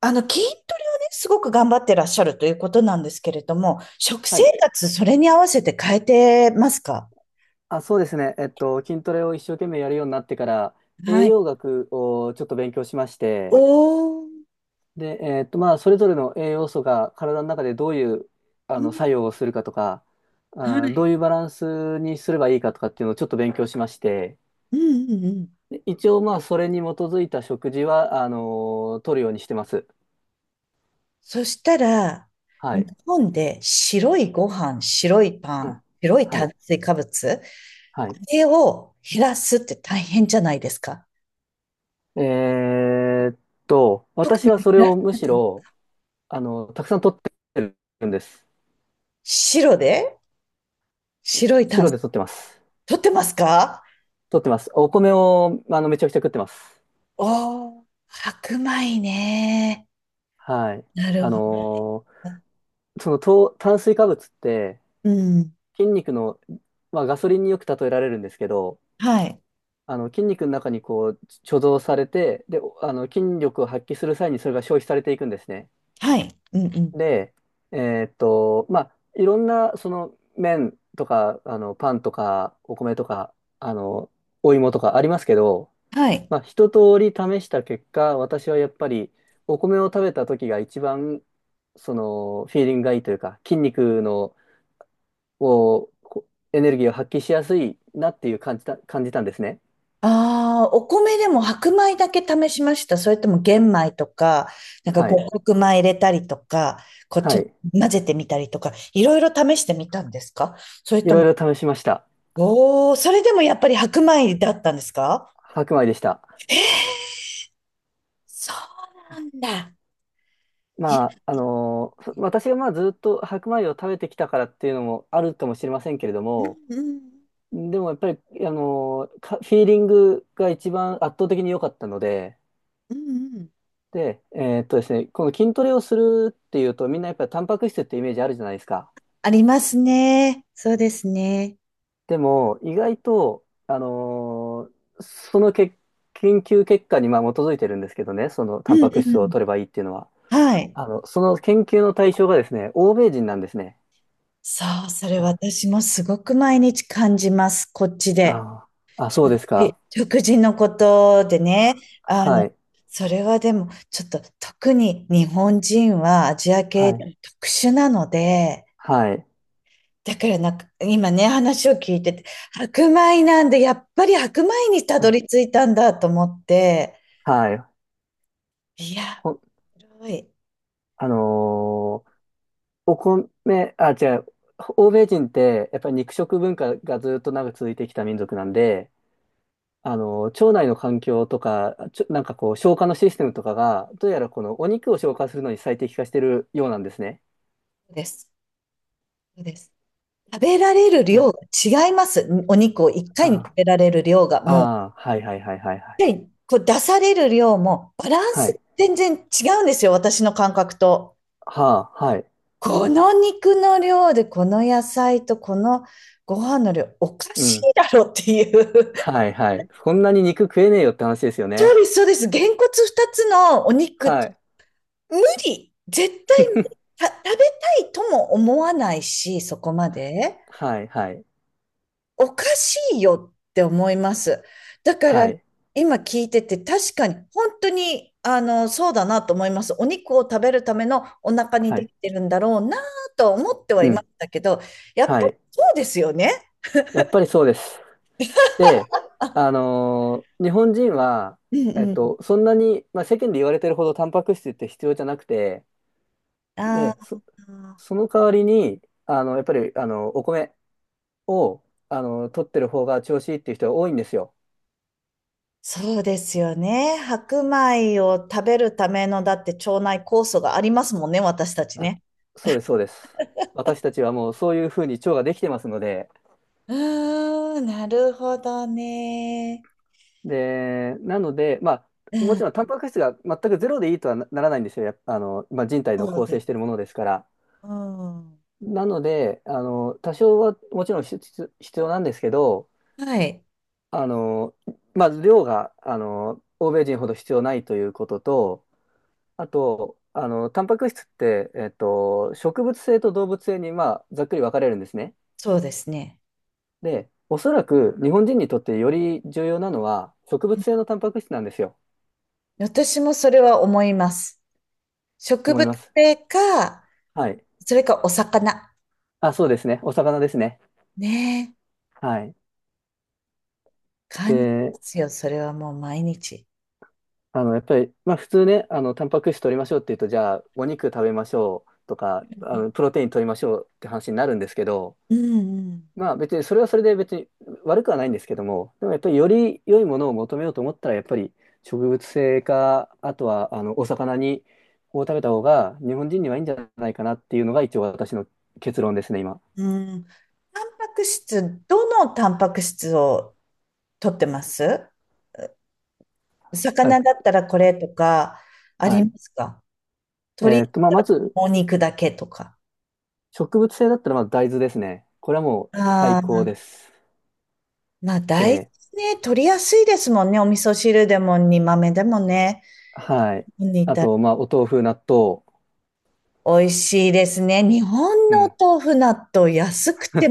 筋トレをね、すごく頑張ってらっしゃるということなんですけれども、食は生い。活、それに合わせて変えてますか？あ、そうですね。筋トレを一生懸命やるようになってから、栄はい。養学をちょっと勉強しまして、おー、で、えっと、まあ、それぞれの栄養素が体の中でどういう、うん、作用をするかとか、はどうい。いうバランスにすればいいかとかっていうのをちょっと勉強しまして、うんうんうん。で一応、まあ、それに基づいた食事は、取るようにしてます。そしたら、は日い。本で白いご飯、白いパうン、ん、白いは炭い。水化物、はあい。れを減らすって大変じゃないですか。えーっ特私にはそれ減らをむしろ、たくさん取ってるんです。白で白い炭白水、で取ってます。取ってますか？取ってます。お米を、めちゃくちゃ食ってます。おー、白米ね。はい。なるあほのーど。その糖、炭水化物って、うん。筋肉の、まあ、ガソリンによく例えられるんですけど、はい。筋肉の中にこう、貯蔵されて、で、筋力を発揮する際にそれが消費されていくんですね。はい。うんうん。で、まあ、いろんな、その、麺とか、パンとか、お米とか、あの、お芋とかありますけど、はい。まあ、一通り試した結果、私はやっぱりお米を食べた時が一番そのフィーリングがいいというか、筋肉のをこエネルギーを発揮しやすいなっていう感じたんですね。ああ、お米でも白米だけ試しました。それとも玄米とか、なんかは五い。穀米入れたりとか、こうちはょっい。と混ぜてみたりとか、いろいろ試してみたんですか？それいとも、ろいろ試しました。おお、それでもやっぱり白米だったんですか？白米でした。えー、そうなんだ。いまや、あ、あのーそ私がまあずっと白米を食べてきたからっていうのもあるかもしれませんけれども、うんうんでもやっぱり、あのーかフィーリングが一番圧倒的に良かったので、うんうん、で、ですね、この筋トレをするっていうと、みんなやっぱりタンパク質ってイメージあるじゃないですか。ありますね。そうですね。でも、意外と、あのーそのけ研究結果にまあ基づいてるんですけどね、そのうタンんパクう質をん。取ればいいっていうのは、はい。その研究の対象がですね、欧米人なんですね。そう、それあ、私もすごく毎日感じます、こっちで。ああ、そうですえ、か。食事のことでね、あはの、い。それはでも、ちょっと特に日本人はアジア系はでい。も特殊なので、はい。だからなんか、今ね、話を聞いてて、白米なんで、やっぱり白米にたはどい。り着いたんだと思って、はい。いや、ほん、すごい、あのーお米、あ、違う。欧米人って、やっぱり肉食文化がずっと長く続いてきた民族なんで、腸内の環境とか、なんかこう、消化のシステムとかが、どうやらこのお肉を消化するのに最適化してるようなんですね。そうです、そうです。食べられるうん、量が違います。お肉を1あ回に食べられる量が、あ、もうああ、はいはいはいはいはやい。っぱりこう出される量もバランはスい。全然違うんですよ、私の感覚と。はあ、はい。この肉の量で、この野菜とこのご飯の量、おかうしん。いだろっていう。はいはい。こんなに肉食えねえよって話ですよそうね。です、そうです。げんこつ2つのお肉、はい。無理。絶対無理、 食べたいとも思わないし、そこまで。はいはい。おかしいよって思います。だから、はい。今聞いてて、確かに、本当に、そうだなと思います。お肉を食べるためのお腹にはでい。きてるんだろうなと思ってはういましん。たけど、やっぱはい。りそうですよね。やっぱりそうです。で、日本人は、うんうん。そんなに、まあ、世間で言われてるほどタンパク質って必要じゃなくて、あで、あ、その代わりに、やっぱり、お米を、取ってる方が調子いいっていう人が多いんですよ。そうですよね。白米を食べるための、だって腸内酵素がありますもんね、私たちあ、ね。そうです、そうです。私たちはもうそういうふうに腸ができてますので、うーん、なるほどね。で、なので、まうあ、もん、ちろんタンパク質が全くゼロでいいとはならないんですよ。やっぱまあ、人体のそう構で成していす。るものですから。うん。なので、多少はもちろん必要なんですけど、はい。あの、まず量が、欧米人ほど必要ないということと、あと、タンパク質って、植物性と動物性に、まあ、ざっくり分かれるんですね。そうですね。で、おそらく日本人にとってより重要なのは、植物性のタンパク質なんですよ。私もそれは思います。植思い物ます。性か、はい。それかお魚。あ、そうですね。お魚ですね。ねえ、はい。感じでますよ。それはもう毎日。やっぱり、まあ普通ね、タンパク質取りましょうって言うと、じゃあ、お肉食べましょうとか、うプロテイン取りましょうって話になるんですけど、んまあ別に、それはそれで別に悪くはないんですけども、でもやっぱりより良いものを求めようと思ったら、やっぱり植物性か、あとは、お魚を食べた方が日本人にはいいんじゃないかなっていうのが一応私の結論ですね、今。うん。うん。タンパク質、どのタンパク質を取ってます？あ、魚だったらこれとか、あはりい。ますか？鶏まあまず、もも肉だけとか。植物性だったらまず大豆ですね。これはもうあ最高あ、です。まあ大で、豆ね、取りやすいですもんね。お味噌汁でも煮豆でもね。はい。煮あたと、まあ、お豆腐、納豆。美味しいですね。日本うのおん。豆腐納豆安くて、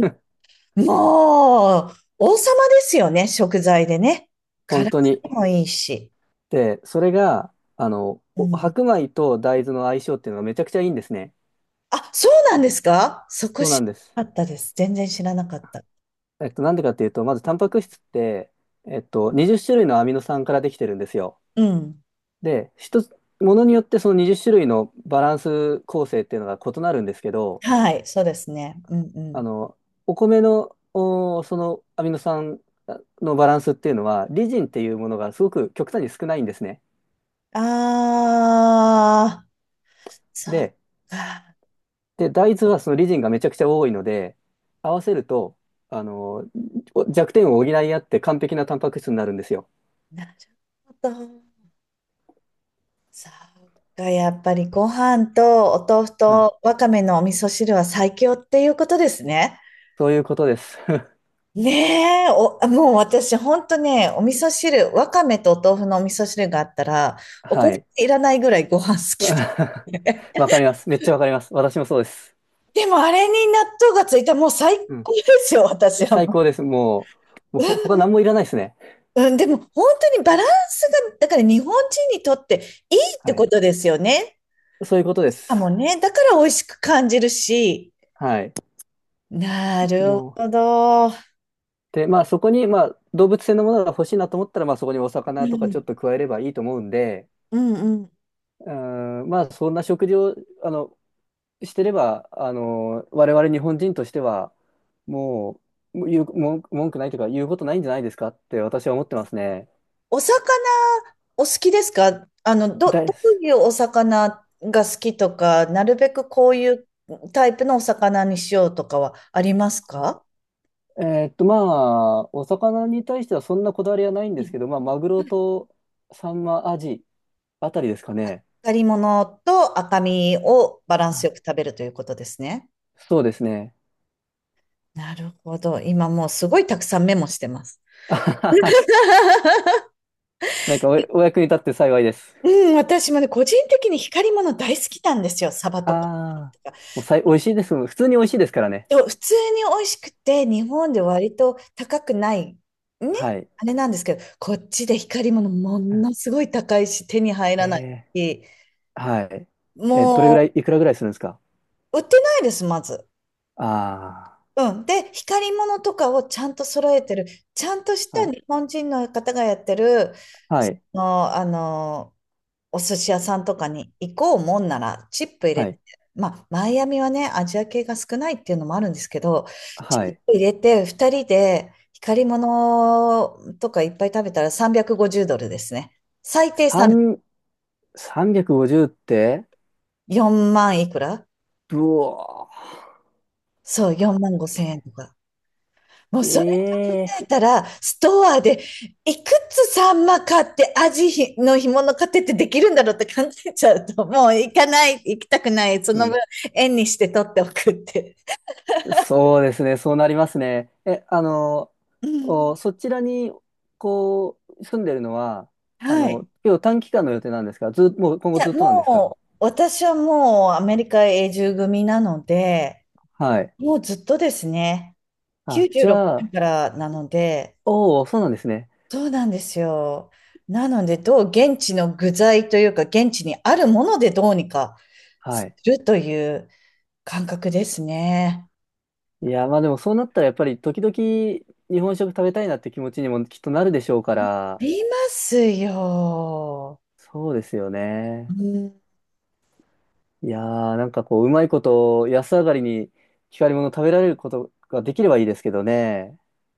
もう、王様ですよね、食材でね。本体当に。にもいいし。で、それが、うおん。白米と大豆の相性っていうのがめちゃくちゃいいんですね。あ、そうなんですか？そこそうな知んです。らなかったです。全然知らなかった。なんでかっていうと、まず、タンパク質って、20種類のアミノ酸からできてるんですよ。うん。で、ものによってその20種類のバランス構成っていうのが異なるんですけど、はい、そうですね。うんうあん。の、お米の、そのアミノ酸のバランスっていうのは、リジンっていうものがすごく極端に少ないんですね。あー、そっで、か。大豆はそのリジンがめちゃくちゃ多いので、合わせると、あの、弱点を補い合って完璧なタンパク質になるんですよ。なるほど。そっか、やっぱりご飯とお豆腐はい。とわかめのお味噌汁は最強っていうことですね。そういうことです。ねえ、もう私、ほんとね、お味噌汁、わかめとお豆腐のお味噌汁があったら、おかはずい。いらないぐらいご飯好き で。わか ります。めっちゃわかります。私もそうです。でも、あれに納豆がついたらもう最うん。高ですよ、私は最も高です。もう他う。何もいらないですね。うん、でも、本当にバランスが、だから日本人にとっていいっはてこい。とですよね。そういうことであ、もす。うね、だから美味しく感じるし。はい。なるもほう、ど。うで、まあそこに、まあ動物性のものが欲しいなと思ったら、まあそこにお魚とかちん、ょっと加えればいいと思うんで、うん、うん。うーん、まあそんな食事を、あの、してれば、我々日本人としては、もう、もう言う、文句ないというか、言うことないんじゃないですかって私は思ってますね。お魚お好きですか？だどい、ういうお魚が好きとか、なるべくこういうタイプのお魚にしようとかはありますか？まあ、お魚に対してはそんなこだわりはないんうですけん、ど、まあ、マグロとサンマ、アジあたりですかね。光り物と赤身をバランはスい。よく食べるということですね。そうですね。なるほど。今もうすごいたくさんメモしてます。あはは。 なんかお役に立って幸いです。うん、私もね、個人的に光り物大好きなんですよ。サバとか。ああ、もう美味しいです。普通に美味しいですからね。でも普通に美味しくて、日本で割と高くない、ね、はい。あれなんですけど、こっちで光り物ものすごい高いし、手に入らないえし、ーはい。え、どれぐらもい、いくらぐらいするんですか？う売ってないです、まず。ああー。うん。で、光り物とかをちゃんと揃えてる、ちゃんとしたはい。日本人の方がやってる、はい。の、お寿司屋さんとかに行こうもんなら、チップ入れはて、い。まあ、マイアミはね、アジア系が少ないっていうのもあるんですけど、チはッい。プ入れて、2人で光り物とかいっぱい食べたら350ドルですね。最低3、三、350って4万いくら、うわそう、ー、だっ4万5千け。円とか。もうそれ考ええ、えたら、ストアでいくつサンマ買ってアジの干物買ってってできるんだろうって考えちゃうと、もう行かない、行きたくない、そうの分ん。円にして取っておくって。そうですね。そうなりますね。え、うん、そちらに、こう、住んでるのは、はい。今日短期間の予定なんですか？ず、もう今い後や、ずっとなんですか？もう、私はもうアメリカ永住組なので、はい。もうずっとですね、あ、96じゃ年あ、からなので、おお、そうなんですね。そうなんですよ。なので、どう現地の具材というか、現地にあるものでどうにかはすい。るという感覚ですね。いや、まあでもそうなったらやっぱり時々日本食食べたいなって気持ちにもきっとなるでしょうかあら、りますよ。そうですようね。んいやー、なんかこう、うまいこと、安上がりに光り物食べられることができればいいですけどね。